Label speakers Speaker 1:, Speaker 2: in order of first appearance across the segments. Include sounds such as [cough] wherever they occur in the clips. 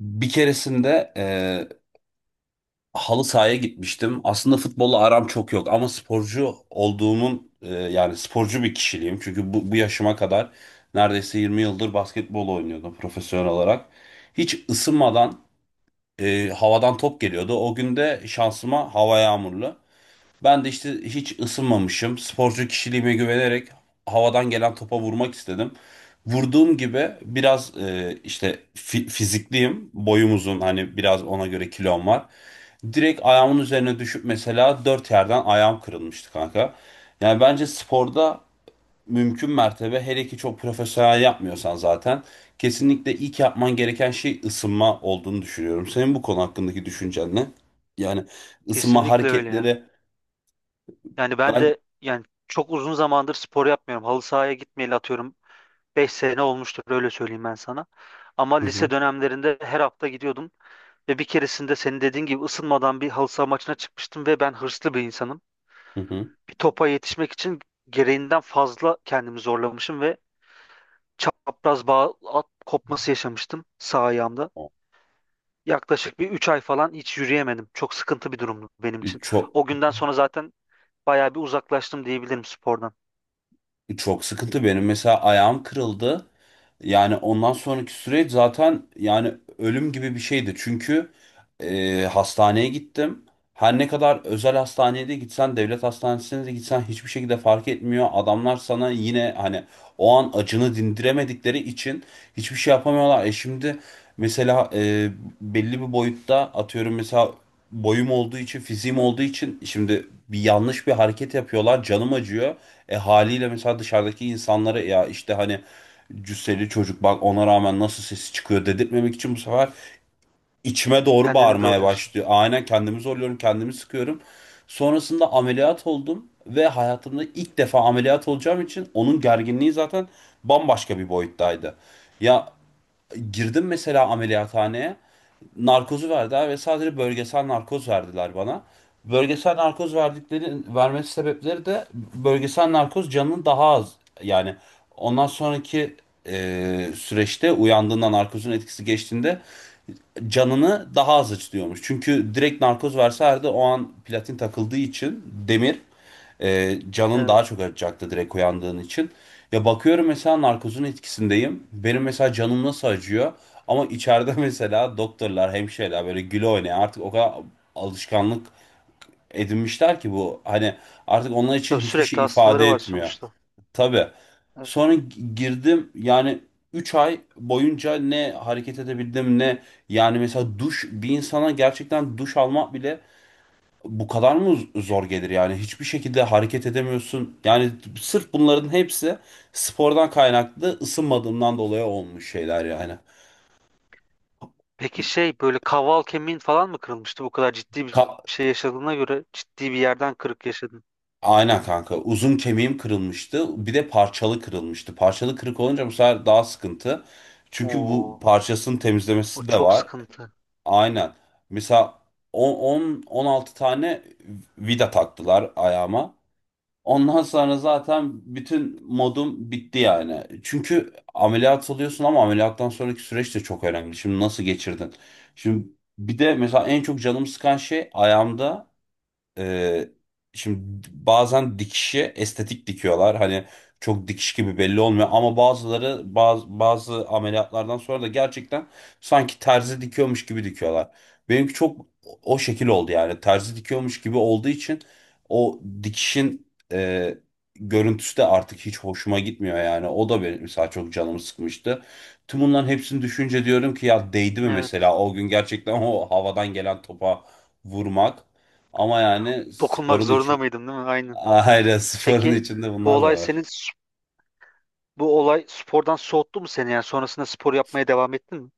Speaker 1: Bir keresinde halı sahaya gitmiştim. Aslında futbolla aram çok yok ama sporcu olduğumun yani sporcu bir kişiliğim. Çünkü bu yaşıma kadar neredeyse 20 yıldır basketbol oynuyordum profesyonel olarak. Hiç ısınmadan havadan top geliyordu. O gün de şansıma hava yağmurlu. Ben de işte hiç ısınmamışım. Sporcu kişiliğime güvenerek havadan gelen topa vurmak istedim. Vurduğum gibi biraz işte fizikliyim. Boyum uzun, hani biraz ona göre kilom var. Direkt ayağımın üzerine düşüp mesela dört yerden ayağım kırılmıştı kanka. Yani bence sporda mümkün mertebe, hele ki çok profesyonel yapmıyorsan zaten kesinlikle ilk yapman gereken şey ısınma olduğunu düşünüyorum. Senin bu konu hakkındaki düşüncen ne? Yani ısınma
Speaker 2: Kesinlikle öyle ya.
Speaker 1: hareketleri.
Speaker 2: Yani ben de, yani, çok uzun zamandır spor yapmıyorum. Halı sahaya gitmeyeli atıyorum 5 sene olmuştur, öyle söyleyeyim ben sana. Ama
Speaker 1: Hı hı.
Speaker 2: lise dönemlerinde her hafta gidiyordum ve bir keresinde senin dediğin gibi ısınmadan bir halı saha maçına çıkmıştım ve ben hırslı bir insanım.
Speaker 1: Hı hı.
Speaker 2: Bir topa yetişmek için gereğinden fazla kendimi zorlamışım ve çapraz bağ at kopması yaşamıştım sağ ayağımda. Yaklaşık bir 3 ay falan hiç yürüyemedim. Çok sıkıntı bir durumdu benim için.
Speaker 1: Çok
Speaker 2: O günden sonra zaten bayağı bir uzaklaştım diyebilirim spordan.
Speaker 1: çok sıkıntı benim, mesela ayağım kırıldı. Yani ondan sonraki süreç zaten yani ölüm gibi bir şeydi. Çünkü hastaneye gittim. Her ne kadar özel hastaneye de gitsen, devlet hastanesine de gitsen hiçbir şekilde fark etmiyor. Adamlar sana yine hani o an acını dindiremedikleri için hiçbir şey yapamıyorlar. Şimdi mesela belli bir boyutta atıyorum, mesela boyum olduğu için, fiziğim olduğu için şimdi bir yanlış bir hareket yapıyorlar, canım acıyor. Haliyle mesela dışarıdaki insanlara ya işte hani cüsseli çocuk bak ona rağmen nasıl sesi çıkıyor dedirtmemek için bu sefer içime doğru
Speaker 2: Kendini
Speaker 1: bağırmaya
Speaker 2: zorluyorsun.
Speaker 1: başlıyor. Aynen, kendimi zorluyorum, kendimi sıkıyorum. Sonrasında ameliyat oldum ve hayatımda ilk defa ameliyat olacağım için onun gerginliği zaten bambaşka bir boyuttaydı. Ya, girdim mesela ameliyathaneye, narkozu verdiler ve sadece bölgesel narkoz verdiler bana. Bölgesel narkoz verdikleri, vermesi sebepleri de bölgesel narkoz canının daha az, yani ondan sonraki süreçte uyandığında narkozun etkisi geçtiğinde canını daha az acıtıyormuş. Çünkü direkt narkoz verselerdi o an platin takıldığı için demir canın
Speaker 2: Evet.
Speaker 1: daha çok acıtacaktı direkt uyandığın için. Ya bakıyorum, mesela narkozun etkisindeyim. Benim mesela canım nasıl acıyor? Ama içeride [laughs] mesela doktorlar, hemşireler böyle güle oynaya artık o kadar alışkanlık edinmişler ki bu. Hani artık onlar için
Speaker 2: Tabii
Speaker 1: hiçbir
Speaker 2: sürekli
Speaker 1: şey
Speaker 2: hastaları
Speaker 1: ifade
Speaker 2: var
Speaker 1: etmiyor.
Speaker 2: sonuçta.
Speaker 1: Tabii.
Speaker 2: Evet.
Speaker 1: Sonra girdim yani, 3 ay boyunca ne hareket edebildim ne, yani mesela duş, bir insana gerçekten duş almak bile bu kadar mı zor gelir yani, hiçbir şekilde hareket edemiyorsun. Yani sırf bunların hepsi spordan kaynaklı ısınmadığımdan dolayı olmuş şeyler yani.
Speaker 2: Peki şey böyle kaval kemiğin falan mı kırılmıştı? Bu kadar ciddi bir
Speaker 1: Ka-
Speaker 2: şey yaşadığına göre ciddi bir yerden kırık yaşadın.
Speaker 1: Aynen kanka. Uzun kemiğim kırılmıştı. Bir de parçalı kırılmıştı. Parçalı kırık olunca bu sefer daha sıkıntı. Çünkü bu
Speaker 2: Oo,
Speaker 1: parçasının
Speaker 2: o
Speaker 1: temizlemesi de
Speaker 2: çok
Speaker 1: var.
Speaker 2: sıkıntı.
Speaker 1: Aynen. Mesela on on altı tane vida taktılar ayağıma. Ondan sonra zaten bütün modum bitti yani. Çünkü ameliyat oluyorsun ama ameliyattan sonraki süreç de çok önemli. Şimdi nasıl geçirdin? Şimdi bir de mesela en çok canımı sıkan şey ayağımda, ee, şimdi bazen dikişi estetik dikiyorlar. Hani çok dikiş gibi belli olmuyor ama bazıları bazı ameliyatlardan sonra da gerçekten sanki terzi dikiyormuş gibi dikiyorlar. Benimki çok o şekil oldu yani. Terzi dikiyormuş gibi olduğu için o dikişin görüntüsü de artık hiç hoşuma gitmiyor yani. O da benim mesela çok canımı sıkmıştı. Tüm bunların hepsini düşünce diyorum ki ya, değdi mi mesela
Speaker 2: Evet.
Speaker 1: o gün gerçekten o havadan gelen topa vurmak. Ama yani
Speaker 2: Dokunmak
Speaker 1: sporun
Speaker 2: zorunda
Speaker 1: için
Speaker 2: mıydın, değil mi?
Speaker 1: [laughs]
Speaker 2: Aynen.
Speaker 1: aynen sporun
Speaker 2: Peki
Speaker 1: içinde
Speaker 2: bu
Speaker 1: bunlar da
Speaker 2: olay
Speaker 1: var.
Speaker 2: senin bu olay spordan soğuttu mu seni? Yani sonrasında spor yapmaya devam ettin mi?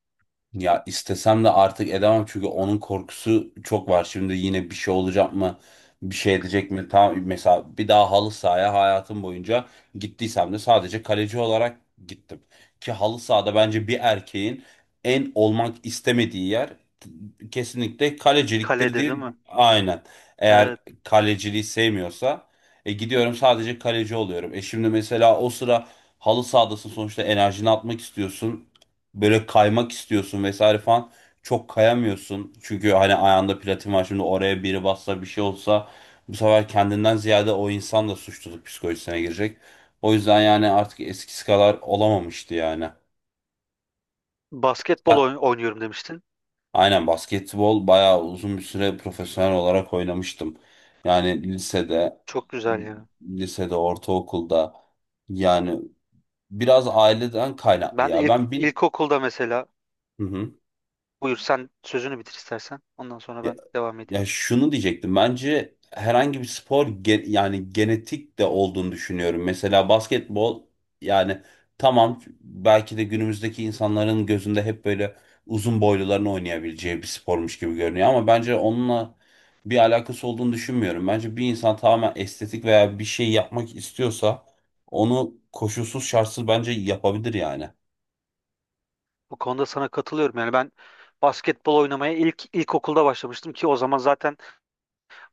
Speaker 1: Ya istesem de artık edemem çünkü onun korkusu çok var. Şimdi yine bir şey olacak mı? Bir şey edecek mi? Tam mesela bir daha halı sahaya hayatım boyunca gittiysem de sadece kaleci olarak gittim. Ki halı sahada bence bir erkeğin en olmak istemediği yer kesinlikle kaleciliktir
Speaker 2: Kaledir değil
Speaker 1: diye.
Speaker 2: mi?
Speaker 1: Aynen. Eğer
Speaker 2: Evet.
Speaker 1: kaleciliği sevmiyorsa gidiyorum sadece kaleci oluyorum. Şimdi mesela o sıra halı sahadasın sonuçta, enerjini atmak istiyorsun, böyle kaymak istiyorsun vesaire falan, çok kayamıyorsun. Çünkü hani ayağında platin var, şimdi oraya biri bassa bir şey olsa bu sefer kendinden ziyade o insan da suçluluk psikolojisine girecek. O yüzden yani artık eskisi kadar olamamıştı yani.
Speaker 2: Basketbol
Speaker 1: Sen-
Speaker 2: oynuyorum demiştin.
Speaker 1: aynen, basketbol bayağı uzun bir süre profesyonel olarak oynamıştım. Yani lisede,
Speaker 2: Çok güzel ya.
Speaker 1: lisede, ortaokulda yani biraz aileden kaynaklı
Speaker 2: Ben de
Speaker 1: ya.
Speaker 2: ilk
Speaker 1: Ben bin...
Speaker 2: ilkokulda mesela.
Speaker 1: Hı hı.
Speaker 2: Buyur sen sözünü bitir istersen. Ondan sonra ben devam
Speaker 1: Ya,
Speaker 2: edeyim.
Speaker 1: şunu diyecektim. Bence herhangi bir spor yani genetik de olduğunu düşünüyorum. Mesela basketbol, yani tamam belki de günümüzdeki insanların gözünde hep böyle uzun boyluların oynayabileceği bir spormuş gibi görünüyor ama bence onunla bir alakası olduğunu düşünmüyorum. Bence bir insan tamamen estetik veya bir şey yapmak istiyorsa onu koşulsuz şartsız bence yapabilir yani.
Speaker 2: Bu konuda sana katılıyorum. Yani ben basketbol oynamaya ilk ilkokulda başlamıştım ki o zaman zaten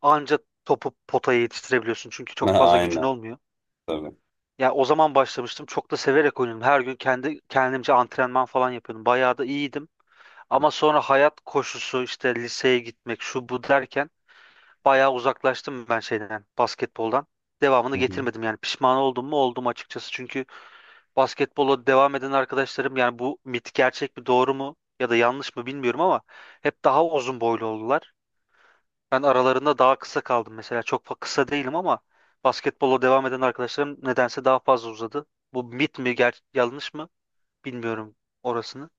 Speaker 2: anca topu potaya yetiştirebiliyorsun. Çünkü
Speaker 1: [laughs]
Speaker 2: çok fazla gücün
Speaker 1: Aynen,
Speaker 2: olmuyor.
Speaker 1: tabii.
Speaker 2: Ya o zaman başlamıştım. Çok da severek oynadım. Her gün kendi kendimce antrenman falan yapıyordum. Bayağı da iyiydim. Ama sonra hayat koşusu işte, liseye gitmek şu bu derken bayağı uzaklaştım ben şeyden, basketboldan. Devamını
Speaker 1: Hı hı.
Speaker 2: getirmedim yani, pişman oldum mu oldum açıkçası. Çünkü basketbola devam eden arkadaşlarım, yani bu mit gerçek mi doğru mu ya da yanlış mı bilmiyorum ama, hep daha uzun boylu oldular. Ben aralarında daha kısa kaldım mesela. Kısa değilim ama basketbola devam eden arkadaşlarım nedense daha fazla uzadı. Bu mit mi yanlış mı bilmiyorum orasını.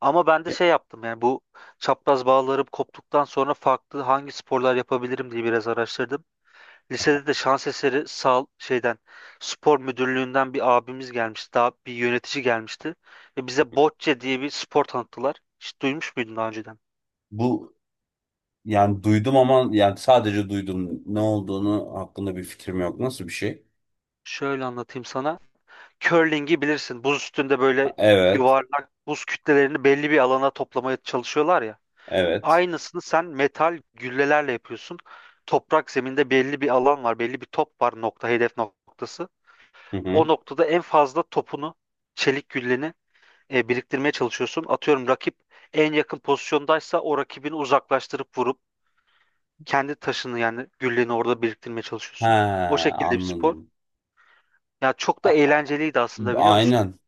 Speaker 2: Ama ben de
Speaker 1: Ya,
Speaker 2: şey yaptım yani, bu çapraz bağlarım koptuktan sonra farklı hangi sporlar yapabilirim diye biraz araştırdım. Lisede de şans eseri şeyden, spor müdürlüğünden bir abimiz gelmişti. Daha bir yönetici gelmişti. Ve bize bocce diye bir spor tanıttılar. Hiç duymuş muydun daha önceden?
Speaker 1: bu. Yani duydum ama yani sadece duydum. Ne olduğunu hakkında bir fikrim yok. Nasıl bir şey?
Speaker 2: Şöyle anlatayım sana. Curling'i bilirsin. Buz üstünde böyle
Speaker 1: Ha, evet.
Speaker 2: yuvarlak buz kütlelerini belli bir alana toplamaya çalışıyorlar ya.
Speaker 1: Evet.
Speaker 2: Aynısını sen metal güllelerle yapıyorsun. Toprak zeminde belli bir alan var. Belli bir top var, nokta, hedef noktası.
Speaker 1: Hı
Speaker 2: O
Speaker 1: hı.
Speaker 2: noktada en fazla topunu, çelik gülleni biriktirmeye çalışıyorsun. Atıyorum rakip en yakın pozisyondaysa o rakibini uzaklaştırıp vurup kendi taşını, yani gülleni, orada biriktirmeye
Speaker 1: He,
Speaker 2: çalışıyorsun. O şekilde bir spor.
Speaker 1: anladım.
Speaker 2: Ya çok
Speaker 1: A-
Speaker 2: da eğlenceliydi aslında, biliyor musun?
Speaker 1: aynen.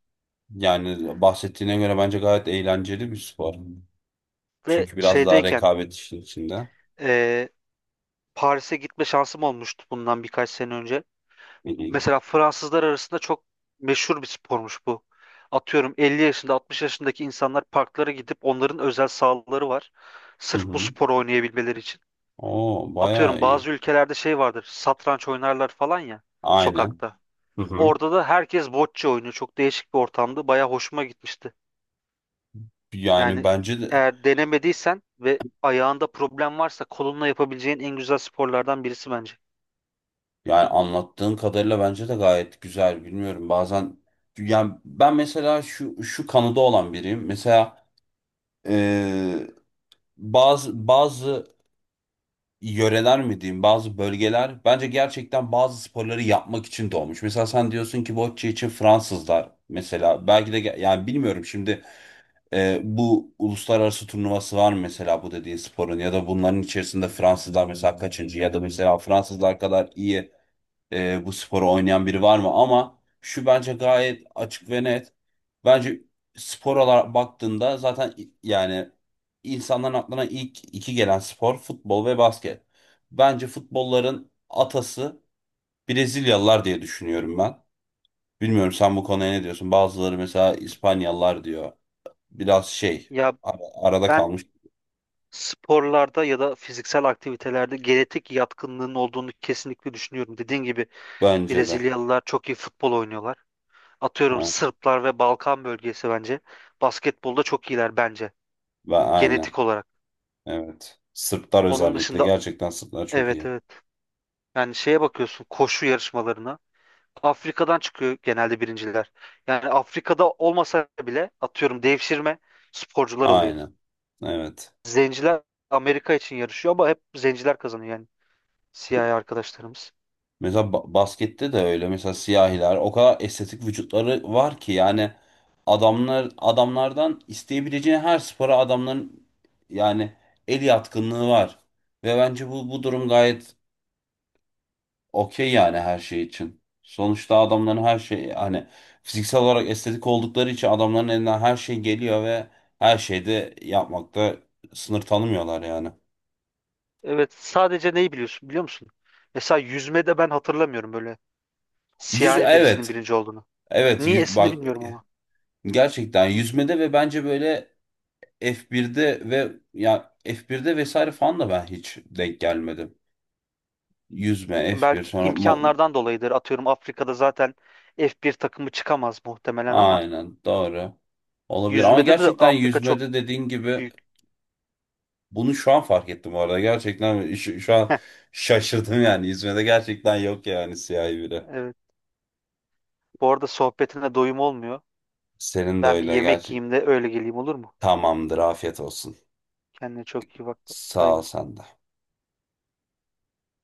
Speaker 1: Yani bahsettiğine göre bence gayet eğlenceli bir spor.
Speaker 2: Ve
Speaker 1: Çünkü biraz daha
Speaker 2: şeydeyken
Speaker 1: rekabet işin içinde.
Speaker 2: e, Paris'e gitme şansım olmuştu bundan birkaç sene önce.
Speaker 1: Hı hı.
Speaker 2: Mesela Fransızlar arasında çok meşhur bir spormuş bu. Atıyorum 50 yaşında, 60 yaşındaki insanlar parklara gidip, onların özel sahaları var
Speaker 1: Hı
Speaker 2: sırf bu
Speaker 1: hı.
Speaker 2: sporu oynayabilmeleri için.
Speaker 1: Oo, bayağı
Speaker 2: Atıyorum
Speaker 1: iyi.
Speaker 2: bazı ülkelerde şey vardır, satranç oynarlar falan ya,
Speaker 1: Aynen.
Speaker 2: sokakta.
Speaker 1: Hı hı.
Speaker 2: Orada da herkes bocce oynuyor. Çok değişik bir ortamdı. Baya hoşuma gitmişti.
Speaker 1: Yani
Speaker 2: Yani
Speaker 1: bence de,
Speaker 2: eğer denemediysen ve ayağında problem varsa kolunla yapabileceğin en güzel sporlardan birisi bence.
Speaker 1: yani anlattığın kadarıyla bence de gayet güzel. Bilmiyorum. Bazen yani ben mesela şu kanıda olan biriyim. Mesela Ee, bazı yöreler mi diyeyim, bazı bölgeler bence gerçekten bazı sporları yapmak için doğmuş. Mesela sen diyorsun ki bocce için Fransızlar, mesela belki de yani bilmiyorum şimdi bu uluslararası turnuvası var mı mesela bu dediğin sporun, ya da bunların içerisinde Fransızlar mesela kaçıncı, ya da mesela Fransızlar kadar iyi bu sporu oynayan biri var mı? Ama şu bence gayet açık ve net. Bence spor olarak baktığında zaten yani insanların aklına ilk iki gelen spor futbol ve basket. Bence futbolların atası Brezilyalılar diye düşünüyorum ben. Bilmiyorum sen bu konuya ne diyorsun? Bazıları mesela İspanyalılar diyor. Biraz şey
Speaker 2: Ya
Speaker 1: arada
Speaker 2: ben
Speaker 1: kalmış
Speaker 2: sporlarda ya da fiziksel aktivitelerde genetik yatkınlığın olduğunu kesinlikle düşünüyorum. Dediğin gibi
Speaker 1: bence de.
Speaker 2: Brezilyalılar çok iyi futbol oynuyorlar. Atıyorum
Speaker 1: Ha,
Speaker 2: Sırplar ve Balkan bölgesi bence basketbolda çok iyiler, bence
Speaker 1: ben aynen.
Speaker 2: genetik olarak.
Speaker 1: Evet. Sırplar
Speaker 2: Onun
Speaker 1: özellikle.
Speaker 2: dışında,
Speaker 1: Gerçekten Sırplar çok
Speaker 2: evet
Speaker 1: iyi.
Speaker 2: evet. Yani şeye bakıyorsun, koşu yarışmalarına. Afrika'dan çıkıyor genelde birinciler. Yani Afrika'da olmasa bile atıyorum devşirme sporcular oluyor.
Speaker 1: Aynen. Evet.
Speaker 2: Zenciler Amerika için yarışıyor ama hep zenciler kazanıyor, yani siyahi arkadaşlarımız.
Speaker 1: Mesela baskette de öyle. Mesela siyahiler o kadar estetik vücutları var ki yani adamlar, adamlardan isteyebileceğin her spora adamların yani el yatkınlığı var. Ve bence bu durum gayet okey yani, her şey için. Sonuçta adamların her şey hani fiziksel olarak estetik oldukları için adamların elinden her şey geliyor ve her şeyde yapmakta sınır tanımıyorlar yani.
Speaker 2: Evet, sadece neyi biliyorsun biliyor musun? Mesela yüzmede ben hatırlamıyorum böyle
Speaker 1: Yüz,
Speaker 2: siyahi birisinin
Speaker 1: evet.
Speaker 2: birinci olduğunu.
Speaker 1: Evet yüz,
Speaker 2: Niyesini
Speaker 1: bak,
Speaker 2: bilmiyorum ama.
Speaker 1: gerçekten yüzmede ve bence böyle F1'de ve ya F1'de vesaire falan da ben hiç denk gelmedim. Yüzme, F1
Speaker 2: Belki
Speaker 1: sonra
Speaker 2: imkanlardan dolayıdır. Atıyorum Afrika'da zaten F1 takımı çıkamaz muhtemelen ama
Speaker 1: aynen doğru. Olabilir ama
Speaker 2: yüzmede de
Speaker 1: gerçekten
Speaker 2: Afrika çok
Speaker 1: yüzmede dediğin gibi
Speaker 2: büyük.
Speaker 1: bunu şu an fark ettim bu arada. Gerçekten şu an
Speaker 2: Heh,
Speaker 1: şaşırdım yani. Yüzmede gerçekten yok yani, siyahi biri.
Speaker 2: evet. Bu arada sohbetine doyum olmuyor.
Speaker 1: Senin de
Speaker 2: Ben bir
Speaker 1: öyle
Speaker 2: yemek
Speaker 1: gerçi.
Speaker 2: yiyeyim de öyle geleyim, olur mu?
Speaker 1: Tamamdır, afiyet olsun.
Speaker 2: Kendine çok iyi bak.
Speaker 1: Sağ
Speaker 2: Bay
Speaker 1: ol,
Speaker 2: bay.
Speaker 1: sen de.